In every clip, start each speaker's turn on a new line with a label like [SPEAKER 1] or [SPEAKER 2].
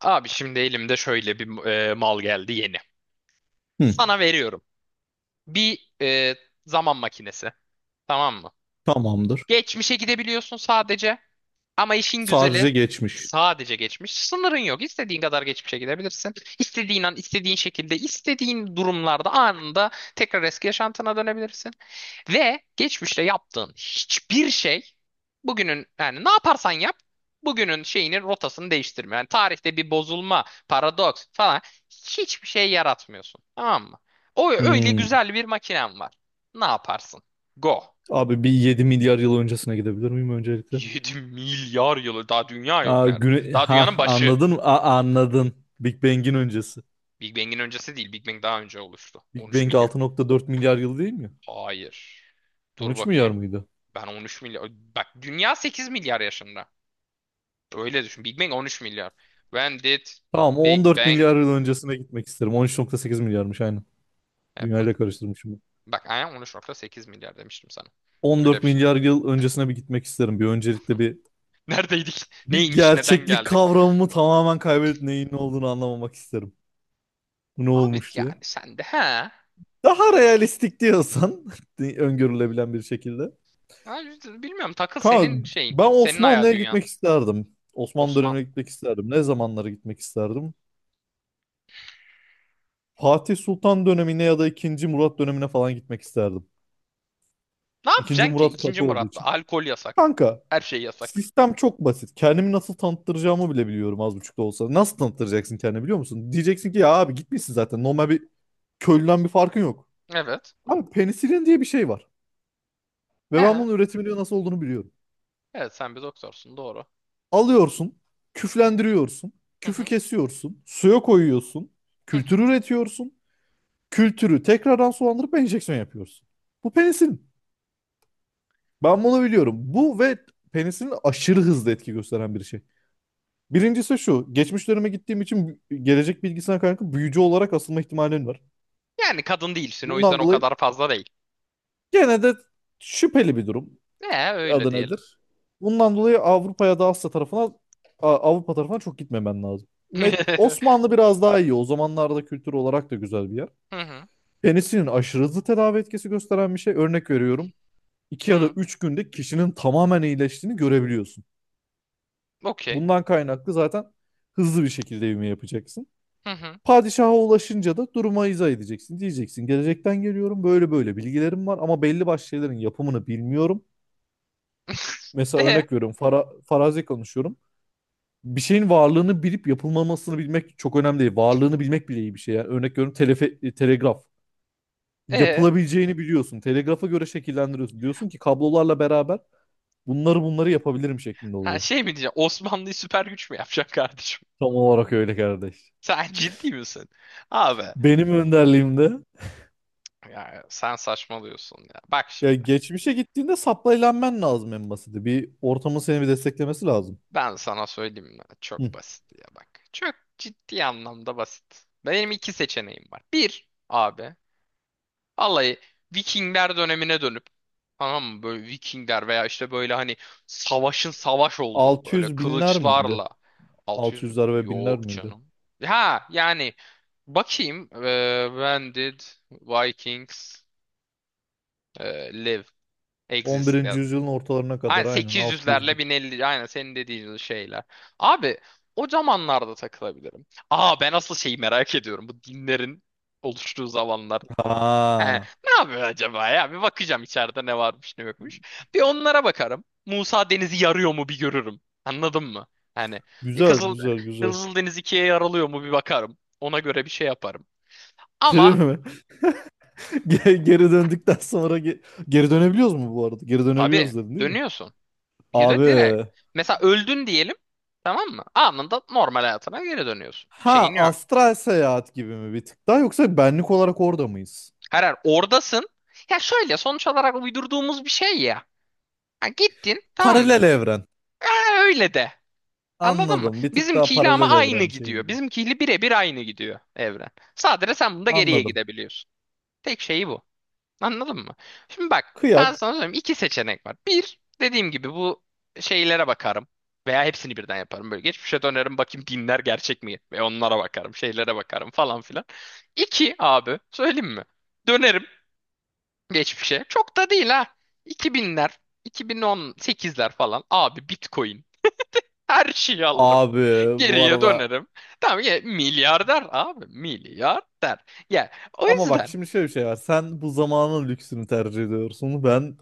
[SPEAKER 1] Abi şimdi elimde şöyle bir mal geldi yeni.
[SPEAKER 2] Hı,
[SPEAKER 1] Sana veriyorum. Bir zaman makinesi. Tamam mı?
[SPEAKER 2] tamamdır.
[SPEAKER 1] Geçmişe gidebiliyorsun sadece. Ama işin güzeli
[SPEAKER 2] Sadece geçmiş.
[SPEAKER 1] sadece geçmiş. Sınırın yok. İstediğin kadar geçmişe gidebilirsin. İstediğin an, istediğin şekilde, istediğin durumlarda anında tekrar eski yaşantına dönebilirsin. Ve geçmişte yaptığın hiçbir şey bugünün yani ne yaparsan yap bugünün şeyini, rotasını değiştirmiyor. Yani tarihte bir bozulma, paradoks falan hiçbir şey yaratmıyorsun. Tamam mı? O öyle
[SPEAKER 2] Hmm.
[SPEAKER 1] güzel bir makinen var. Ne yaparsın? Go.
[SPEAKER 2] Abi bir 7 milyar yıl öncesine gidebilir miyim öncelikle?
[SPEAKER 1] 7 milyar yılı daha dünya yok,
[SPEAKER 2] Aa,
[SPEAKER 1] nerede? Daha
[SPEAKER 2] Ha
[SPEAKER 1] dünyanın başı.
[SPEAKER 2] anladın mı? Aa, anladın. Big Bang'in öncesi.
[SPEAKER 1] Big Bang'in öncesi değil. Big Bang daha önce oluştu.
[SPEAKER 2] Big
[SPEAKER 1] 13
[SPEAKER 2] Bang
[SPEAKER 1] milyar.
[SPEAKER 2] 6,4 milyar yıl değil mi?
[SPEAKER 1] Hayır. Dur
[SPEAKER 2] 13 milyar
[SPEAKER 1] bakayım.
[SPEAKER 2] mıydı?
[SPEAKER 1] Ben 13 milyar. Bak, dünya 8 milyar yaşında. Öyle düşün. Big Bang 13 milyar. When did
[SPEAKER 2] Tamam, on
[SPEAKER 1] Big
[SPEAKER 2] dört
[SPEAKER 1] Bang
[SPEAKER 2] milyar yıl öncesine gitmek isterim. 13,8 milyarmış aynen.
[SPEAKER 1] happen?
[SPEAKER 2] Dünyayla karıştırmışım.
[SPEAKER 1] Bak, aynen 13.8 milyar demiştim sana.
[SPEAKER 2] On
[SPEAKER 1] Öyle
[SPEAKER 2] dört
[SPEAKER 1] bir şey.
[SPEAKER 2] milyar yıl öncesine bir gitmek isterim. Bir öncelikle bir
[SPEAKER 1] Neredeydik?
[SPEAKER 2] bir
[SPEAKER 1] Neymiş? Neden
[SPEAKER 2] gerçeklik
[SPEAKER 1] geldik?
[SPEAKER 2] kavramımı tamamen kaybedip neyin ne olduğunu anlamamak isterim. Bu ne
[SPEAKER 1] Abi
[SPEAKER 2] olmuş diye.
[SPEAKER 1] yani sen de he.
[SPEAKER 2] Daha realistik diyorsan öngörülebilen bir şekilde.
[SPEAKER 1] Abi, bilmiyorum, takıl senin
[SPEAKER 2] Kanka,
[SPEAKER 1] şeyin.
[SPEAKER 2] ben
[SPEAKER 1] Senin hayal
[SPEAKER 2] Osmanlı'ya
[SPEAKER 1] dünyan.
[SPEAKER 2] gitmek isterdim. Osmanlı
[SPEAKER 1] Osman.
[SPEAKER 2] dönemine gitmek isterdim. Ne zamanlara gitmek isterdim? Fatih Sultan dönemine ya da 2. Murat dönemine falan gitmek isterdim.
[SPEAKER 1] Ne
[SPEAKER 2] 2.
[SPEAKER 1] yapacaksın ki?
[SPEAKER 2] Murat
[SPEAKER 1] İkinci
[SPEAKER 2] katı olduğu
[SPEAKER 1] Murat'ta.
[SPEAKER 2] için.
[SPEAKER 1] Alkol yasak.
[SPEAKER 2] Kanka,
[SPEAKER 1] Her şey yasak.
[SPEAKER 2] sistem çok basit. Kendimi nasıl tanıttıracağımı bile biliyorum, az buçuk da olsa. Nasıl tanıttıracaksın kendini, biliyor musun? Diyeceksin ki ya abi, gitmişsin zaten. Normal bir köylüden bir farkın yok.
[SPEAKER 1] Evet.
[SPEAKER 2] Abi, penisilin diye bir şey var. Ve ben
[SPEAKER 1] He.
[SPEAKER 2] bunun üretiminin nasıl olduğunu biliyorum.
[SPEAKER 1] Evet, sen bir doktorsun. Doğru.
[SPEAKER 2] Alıyorsun,
[SPEAKER 1] Eh,
[SPEAKER 2] küflendiriyorsun,
[SPEAKER 1] Hı
[SPEAKER 2] küfü
[SPEAKER 1] hı.
[SPEAKER 2] kesiyorsun, suya koyuyorsun,
[SPEAKER 1] Hı
[SPEAKER 2] kültür
[SPEAKER 1] hı.
[SPEAKER 2] üretiyorsun, kültürü tekrardan sulandırıp enjeksiyon yapıyorsun. Bu penisilin. Ben bunu biliyorum. Bu ve penisilin aşırı hızlı etki gösteren bir şey. Birincisi şu, geçmiş döneme gittiğim için gelecek bilgisine kaynaklı büyücü olarak asılma ihtimalim var.
[SPEAKER 1] Yani kadın değilsin, o yüzden
[SPEAKER 2] Bundan
[SPEAKER 1] o
[SPEAKER 2] dolayı
[SPEAKER 1] kadar fazla değil.
[SPEAKER 2] gene de şüpheli bir durum.
[SPEAKER 1] Öyle
[SPEAKER 2] Adı
[SPEAKER 1] diyelim.
[SPEAKER 2] nedir? Bundan dolayı Avrupa ya da Asya tarafına Avrupa tarafına çok gitmemen lazım.
[SPEAKER 1] Hı
[SPEAKER 2] Osmanlı biraz daha iyi. O zamanlarda kültür olarak da güzel bir yer.
[SPEAKER 1] hı.
[SPEAKER 2] Penisinin aşırı hızlı tedavi etkisi gösteren bir şey. Örnek veriyorum. 2 ya da
[SPEAKER 1] Hı.
[SPEAKER 2] 3 günde kişinin tamamen iyileştiğini görebiliyorsun.
[SPEAKER 1] Okey.
[SPEAKER 2] Bundan kaynaklı zaten hızlı bir şekilde ivme yapacaksın.
[SPEAKER 1] Hı hı.
[SPEAKER 2] Padişaha ulaşınca da duruma izah edeceksin. Diyeceksin gelecekten geliyorum, böyle böyle bilgilerim var ama belli başlı şeylerin yapımını bilmiyorum. Mesela
[SPEAKER 1] E,
[SPEAKER 2] örnek veriyorum, farazi konuşuyorum. Bir şeyin varlığını bilip yapılmamasını bilmek çok önemli değil. Varlığını bilmek bile iyi bir şey. Yani örnek veriyorum, telegraf.
[SPEAKER 1] e.
[SPEAKER 2] Yapılabileceğini biliyorsun. Telegrafa göre şekillendiriyorsun. Diyorsun ki kablolarla beraber bunları yapabilirim şeklinde
[SPEAKER 1] Ha,
[SPEAKER 2] oluyor.
[SPEAKER 1] şey mi diyeceğim? Osmanlı'yı süper güç mü yapacaksın kardeşim?
[SPEAKER 2] Tam olarak öyle kardeş.
[SPEAKER 1] Sen ciddi misin? Abi
[SPEAKER 2] Benim önderliğimde,
[SPEAKER 1] ya, sen saçmalıyorsun ya. Bak
[SPEAKER 2] ya
[SPEAKER 1] şimdi.
[SPEAKER 2] geçmişe gittiğinde saplayılanman lazım en basiti. Bir ortamın seni bir desteklemesi lazım.
[SPEAKER 1] Ben sana söyleyeyim mi?
[SPEAKER 2] Hı.
[SPEAKER 1] Çok basit ya bak. Çok ciddi anlamda basit. Benim iki seçeneğim var. Bir abi. Vallahi Vikingler dönemine dönüp, tamam mı, böyle Vikingler veya işte böyle hani savaşın savaş olduğu böyle
[SPEAKER 2] 600 binler miydi?
[SPEAKER 1] kılıçlarla 600 bin-
[SPEAKER 2] 600'ler ve binler
[SPEAKER 1] yok
[SPEAKER 2] miydi?
[SPEAKER 1] canım. Ha yani bakayım when did Vikings live
[SPEAKER 2] On
[SPEAKER 1] exist
[SPEAKER 2] birinci
[SPEAKER 1] yani.
[SPEAKER 2] yüzyılın ortalarına
[SPEAKER 1] Aynen
[SPEAKER 2] kadar aynen 600
[SPEAKER 1] 800'lerle
[SPEAKER 2] bin.
[SPEAKER 1] 1050, aynen senin dediğin şeyler. Abi o zamanlarda takılabilirim. Aa, ben asıl şeyi merak ediyorum, bu dinlerin oluştuğu zamanlar. He,
[SPEAKER 2] Ha.
[SPEAKER 1] ne yapıyor acaba ya? Bir bakacağım içeride ne varmış ne yokmuş. Bir onlara bakarım. Musa Deniz'i yarıyor mu bir görürüm. Anladın mı? Hani bir
[SPEAKER 2] Güzel,
[SPEAKER 1] Kızıl, hani
[SPEAKER 2] güzel, güzel.
[SPEAKER 1] Kızıl Deniz ikiye yarılıyor mu bir bakarım. Ona göre bir şey yaparım.
[SPEAKER 2] Şey değil
[SPEAKER 1] Ama
[SPEAKER 2] mi? Geri döndükten sonra geri dönebiliyoruz mu bu arada? Geri
[SPEAKER 1] tabii
[SPEAKER 2] dönebiliyoruz dedin değil mi?
[SPEAKER 1] dönüyorsun. Bir de
[SPEAKER 2] Abi.
[SPEAKER 1] direkt. Mesela öldün diyelim. Tamam mı? Anında normal hayatına geri dönüyorsun.
[SPEAKER 2] Ha,
[SPEAKER 1] Şeyin yok.
[SPEAKER 2] astral seyahat gibi mi bir tık daha, yoksa benlik olarak orada mıyız?
[SPEAKER 1] Her oradasın. Ya şöyle, sonuç olarak uydurduğumuz bir şey ya. Ha, gittin, tamam
[SPEAKER 2] Paralel
[SPEAKER 1] mı?
[SPEAKER 2] evren.
[SPEAKER 1] Ha, öyle de. Anladın mı?
[SPEAKER 2] Anladım. Bir tık daha
[SPEAKER 1] Bizimkiyle ama
[SPEAKER 2] paralel
[SPEAKER 1] aynı
[SPEAKER 2] evren
[SPEAKER 1] gidiyor.
[SPEAKER 2] şeyinde.
[SPEAKER 1] Bizimkiyle birebir aynı gidiyor evren. Sadece sen bunda geriye
[SPEAKER 2] Anladım.
[SPEAKER 1] gidebiliyorsun. Tek şeyi bu. Anladın mı? Şimdi bak, ben
[SPEAKER 2] Kıyak.
[SPEAKER 1] sana söyleyeyim, iki seçenek var. Bir, dediğim gibi bu şeylere bakarım. Veya hepsini birden yaparım. Böyle geçmişe dönerim, bakayım, dinler gerçek mi? Ve onlara bakarım. Şeylere bakarım falan filan. İki, abi söyleyeyim mi? Dönerim geçmişe. Çok da değil ha. 2000'ler, 2018'ler falan. Abi, Bitcoin. Her şeyi alırım.
[SPEAKER 2] Abi, bu
[SPEAKER 1] Geriye
[SPEAKER 2] arada
[SPEAKER 1] dönerim. Tamam ya, milyarder abi, milyarder. Ya o
[SPEAKER 2] ama bak
[SPEAKER 1] yüzden,
[SPEAKER 2] şimdi şöyle bir şey var. Sen bu zamanın lüksünü tercih ediyorsun. Ben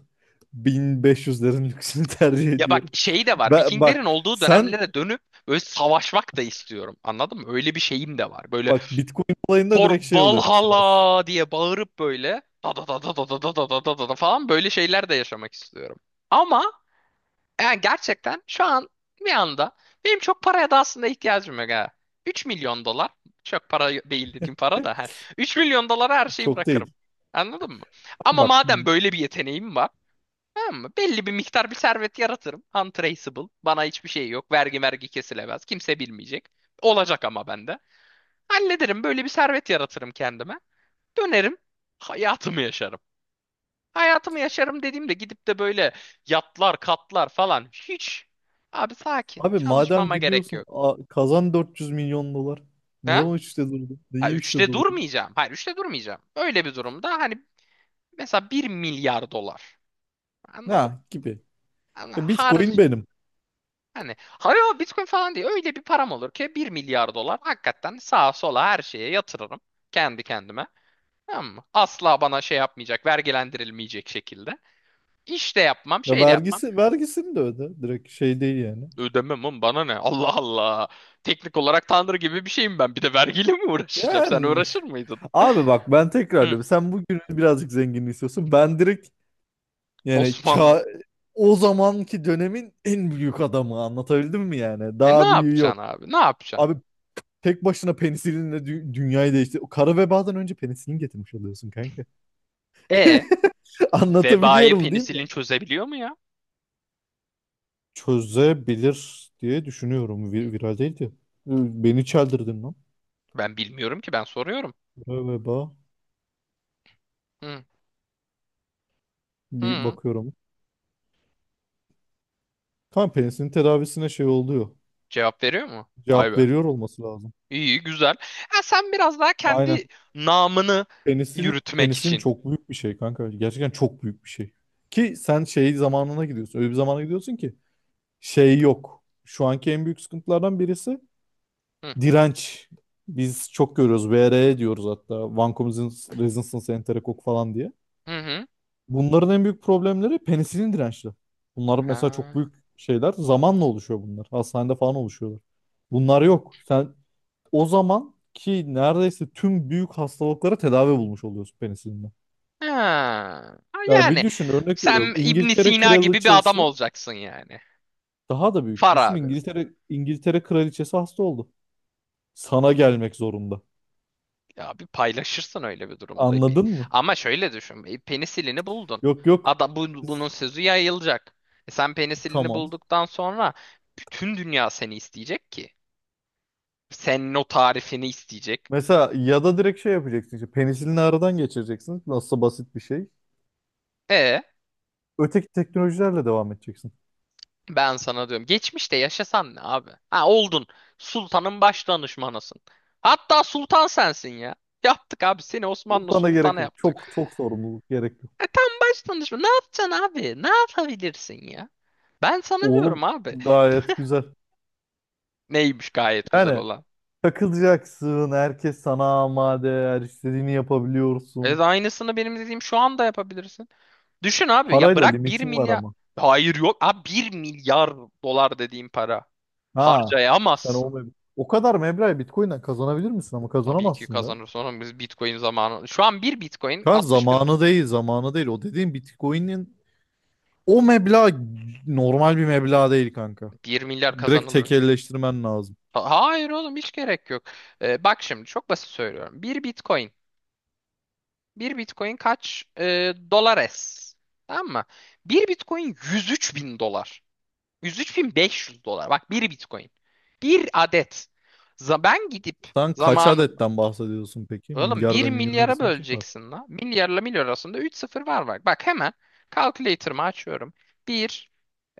[SPEAKER 2] 1500'lerin lüksünü tercih
[SPEAKER 1] ya bak,
[SPEAKER 2] ediyorum.
[SPEAKER 1] şey de var,
[SPEAKER 2] Ben,
[SPEAKER 1] Vikinglerin
[SPEAKER 2] bak
[SPEAKER 1] olduğu
[SPEAKER 2] sen
[SPEAKER 1] dönemlere dönüp böyle savaşmak da istiyorum. Anladın mı? Öyle bir şeyim de var. Böyle
[SPEAKER 2] bak Bitcoin olayında
[SPEAKER 1] "For
[SPEAKER 2] direkt şey oluyor mesela.
[SPEAKER 1] Valhalla" diye bağırıp böyle da da da da da da da da da da da da falan, böyle şeyler de yaşamak istiyorum. Ama yani gerçekten şu an bir anda benim çok paraya da aslında ihtiyacım yok ha. 3 milyon dolar çok para değil, dediğim para da hani 3 milyon dolara her şeyi
[SPEAKER 2] Çok değil.
[SPEAKER 1] bırakırım. Anladın mı? Ama
[SPEAKER 2] Bak
[SPEAKER 1] madem böyle bir yeteneğim var, tamam mı, belli bir miktar bir servet yaratırım. Untraceable. Bana hiçbir şey yok. Vergi vergi kesilemez. Kimse bilmeyecek. Olacak ama bende. Hallederim. Böyle bir servet yaratırım kendime. Dönerim. Hayatımı yaşarım. Hayatımı yaşarım dediğimde gidip de böyle yatlar, katlar falan hiç. Abi sakin.
[SPEAKER 2] abi, madem
[SPEAKER 1] Çalışmama gerek
[SPEAKER 2] gidiyorsun,
[SPEAKER 1] yok.
[SPEAKER 2] kazan 400 milyon dolar. Ne
[SPEAKER 1] Ha?
[SPEAKER 2] zaman üçte durdun?
[SPEAKER 1] Ha,
[SPEAKER 2] Niye üçte
[SPEAKER 1] üçte
[SPEAKER 2] durdun?
[SPEAKER 1] durmayacağım. Hayır, üçte durmayacağım. Öyle bir durumda hani mesela 1 milyar dolar. Anladım.
[SPEAKER 2] Ha, gibi.
[SPEAKER 1] Hani har,
[SPEAKER 2] Bitcoin benim.
[SPEAKER 1] hani hayır, o Bitcoin falan değil. Öyle bir param olur ki, 1 milyar dolar, hakikaten sağa sola her şeye yatırırım kendi kendime. Tamam mı? Asla bana şey yapmayacak, vergilendirilmeyecek şekilde. İş de yapmam,
[SPEAKER 2] Ya,
[SPEAKER 1] şey de yapmam.
[SPEAKER 2] vergisini de öde. Direkt şey değil yani.
[SPEAKER 1] Ödemem oğlum, bana ne? Allah Allah. Teknik olarak tanrı gibi bir şeyim ben. Bir de vergiyle mi uğraşacağım? Sen
[SPEAKER 2] Yani
[SPEAKER 1] uğraşır mıydın?
[SPEAKER 2] abi, bak ben tekrar
[SPEAKER 1] Hı,
[SPEAKER 2] diyorum. Sen bugün birazcık zengin istiyorsun. Ben direkt, yani
[SPEAKER 1] Osmanlı.
[SPEAKER 2] o zamanki dönemin en büyük adamı, anlatabildim mi yani?
[SPEAKER 1] E ne
[SPEAKER 2] Daha büyüğü yok.
[SPEAKER 1] yapacaksın abi? Ne yapacaksın?
[SPEAKER 2] Abi, tek başına penisilinle dünyayı değiştir. Kara vebadan önce penisilin getirmiş oluyorsun kanka.
[SPEAKER 1] E, vebayı
[SPEAKER 2] Anlatabiliyorum değil mi?
[SPEAKER 1] penisilin çözebiliyor mu ya?
[SPEAKER 2] Çözebilir diye düşünüyorum. Viral değildi. Beni çeldirdin lan.
[SPEAKER 1] Ben bilmiyorum ki, ben soruyorum.
[SPEAKER 2] Galiba
[SPEAKER 1] Hı,
[SPEAKER 2] bir
[SPEAKER 1] hı.
[SPEAKER 2] bakıyorum. Tam penisinin tedavisine şey oluyor.
[SPEAKER 1] Cevap veriyor mu? Vay
[SPEAKER 2] Cevap
[SPEAKER 1] be.
[SPEAKER 2] veriyor olması lazım.
[SPEAKER 1] İyi güzel. Ha, sen biraz daha
[SPEAKER 2] Aynen.
[SPEAKER 1] kendi namını
[SPEAKER 2] Penisinin
[SPEAKER 1] yürütmek
[SPEAKER 2] penisinin
[SPEAKER 1] için.
[SPEAKER 2] çok büyük bir şey kanka. Gerçekten çok büyük bir şey. Ki sen şey zamanına gidiyorsun. Öyle bir zamana gidiyorsun ki şey yok. Şu anki en büyük sıkıntılardan birisi
[SPEAKER 1] Hı,
[SPEAKER 2] direnç. Biz çok görüyoruz. VRE diyoruz hatta. Vancomycin resistance enterokok falan diye.
[SPEAKER 1] hı, hı.
[SPEAKER 2] Bunların en büyük problemleri penisilin dirençli. Bunlar mesela çok
[SPEAKER 1] Ha.
[SPEAKER 2] büyük şeyler. Zamanla oluşuyor bunlar. Hastanede falan oluşuyorlar. Bunlar yok. Sen o zaman ki neredeyse tüm büyük hastalıklara tedavi bulmuş oluyorsun penisilinle.
[SPEAKER 1] Ha. Ha,
[SPEAKER 2] Ya bir
[SPEAKER 1] yani
[SPEAKER 2] düşün, örnek veriyorum.
[SPEAKER 1] sen İbn
[SPEAKER 2] İngiltere
[SPEAKER 1] Sina gibi bir adam
[SPEAKER 2] kraliçesi
[SPEAKER 1] olacaksın yani.
[SPEAKER 2] daha da büyük.
[SPEAKER 1] Far
[SPEAKER 2] Düşün,
[SPEAKER 1] abi.
[SPEAKER 2] İngiltere kraliçesi hasta oldu. Sana gelmek zorunda.
[SPEAKER 1] Ya bir paylaşırsın öyle bir durumda. Bir...
[SPEAKER 2] Anladın mı?
[SPEAKER 1] Ama şöyle düşün. Penisilini buldun.
[SPEAKER 2] Yok, yok.
[SPEAKER 1] Adam bu, bunun sözü yayılacak. E sen penisilini
[SPEAKER 2] Tamam.
[SPEAKER 1] bulduktan sonra bütün dünya seni isteyecek ki. Senin o tarifini isteyecek.
[SPEAKER 2] Mesela ya da direkt şey yapacaksın işte, penisilini aradan geçireceksin. Nasılsa basit bir şey.
[SPEAKER 1] E
[SPEAKER 2] Öteki teknolojilerle devam edeceksin.
[SPEAKER 1] ben sana diyorum. Geçmişte yaşasan ne abi? Ha, oldun. Sultanın baş danışmanısın. Hatta sultan sensin ya. Yaptık abi, seni Osmanlı
[SPEAKER 2] Sultana
[SPEAKER 1] sultanı
[SPEAKER 2] gerek yok. Çok
[SPEAKER 1] yaptık.
[SPEAKER 2] çok sorumluluk gerek yok.
[SPEAKER 1] E tam baş danışman. Ne yapacaksın abi? Ne yapabilirsin ya? Ben sana
[SPEAKER 2] Oğlum,
[SPEAKER 1] diyorum abi.
[SPEAKER 2] gayet güzel.
[SPEAKER 1] Neymiş gayet güzel
[SPEAKER 2] Yani
[SPEAKER 1] olan?
[SPEAKER 2] takılacaksın. Herkes sana amade. Her istediğini
[SPEAKER 1] Evet,
[SPEAKER 2] yapabiliyorsun.
[SPEAKER 1] aynısını benim dediğim şu anda yapabilirsin. Düşün abi, ya
[SPEAKER 2] Parayla
[SPEAKER 1] bırak bir
[SPEAKER 2] limitin var
[SPEAKER 1] milyar.
[SPEAKER 2] ama.
[SPEAKER 1] Hayır yok. Abi, 1 milyar dolar dediğim para.
[SPEAKER 2] Ha. Sen
[SPEAKER 1] Harcayamazsın.
[SPEAKER 2] o kadar meblağı Bitcoin'den kazanabilir misin? Ama
[SPEAKER 1] Tabii ki
[SPEAKER 2] kazanamazsın be.
[SPEAKER 1] kazanır, sonra biz Bitcoin zamanı. Şu an bir Bitcoin
[SPEAKER 2] Kan
[SPEAKER 1] 60 bin.
[SPEAKER 2] zamanı değil. Zamanı değil. O dediğin Bitcoin'in o meblağ normal bir meblağ değil kanka.
[SPEAKER 1] 1 milyar
[SPEAKER 2] Direkt
[SPEAKER 1] kazanılır.
[SPEAKER 2] tekelleştirmen lazım.
[SPEAKER 1] Hayır oğlum, hiç gerek yok. Bak şimdi, çok basit söylüyorum. Bir Bitcoin. Bir Bitcoin kaç? Dolar es. Tamam mı? Bir Bitcoin 103 bin dolar. 103.500 dolar. Bak, bir Bitcoin. Bir adet. Ben gidip
[SPEAKER 2] Sen kaç
[SPEAKER 1] zamanında.
[SPEAKER 2] adetten bahsediyorsun peki?
[SPEAKER 1] Oğlum,
[SPEAKER 2] Milyar
[SPEAKER 1] bir
[SPEAKER 2] ve milyon
[SPEAKER 1] milyara
[SPEAKER 2] arasında kim var?
[SPEAKER 1] böleceksin la. Milyarla milyar arasında 3 sıfır var bak. Bak, hemen calculator'ımı açıyorum. Bir.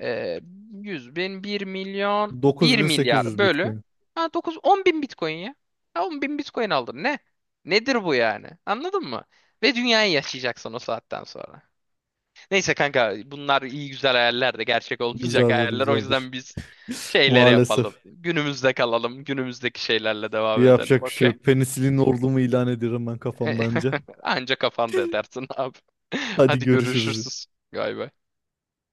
[SPEAKER 1] e, 100 bin, 1 milyon, 1 milyar
[SPEAKER 2] 9800
[SPEAKER 1] bölü,
[SPEAKER 2] Bitcoin.
[SPEAKER 1] ha dokuz, 10 bin Bitcoin ya. Ha, 10 bin Bitcoin aldın, ne? Nedir bu yani? Anladın mı? Ve dünyayı yaşayacaksın o saatten sonra. Neyse kanka, bunlar iyi güzel hayaller de, gerçek olmayacak
[SPEAKER 2] Güzeldir,
[SPEAKER 1] hayaller. O
[SPEAKER 2] güzeldir.
[SPEAKER 1] yüzden biz şeyleri yapalım.
[SPEAKER 2] Maalesef.
[SPEAKER 1] Günümüzde kalalım. Günümüzdeki şeylerle devam edelim.
[SPEAKER 2] Yapacak bir şey
[SPEAKER 1] Okey.
[SPEAKER 2] yok. Penisilin ordumu ilan ediyorum ben, kafamdan önce.
[SPEAKER 1] Anca kafanda edersin abi.
[SPEAKER 2] Hadi
[SPEAKER 1] Hadi
[SPEAKER 2] görüşürüz.
[SPEAKER 1] görüşürüz galiba.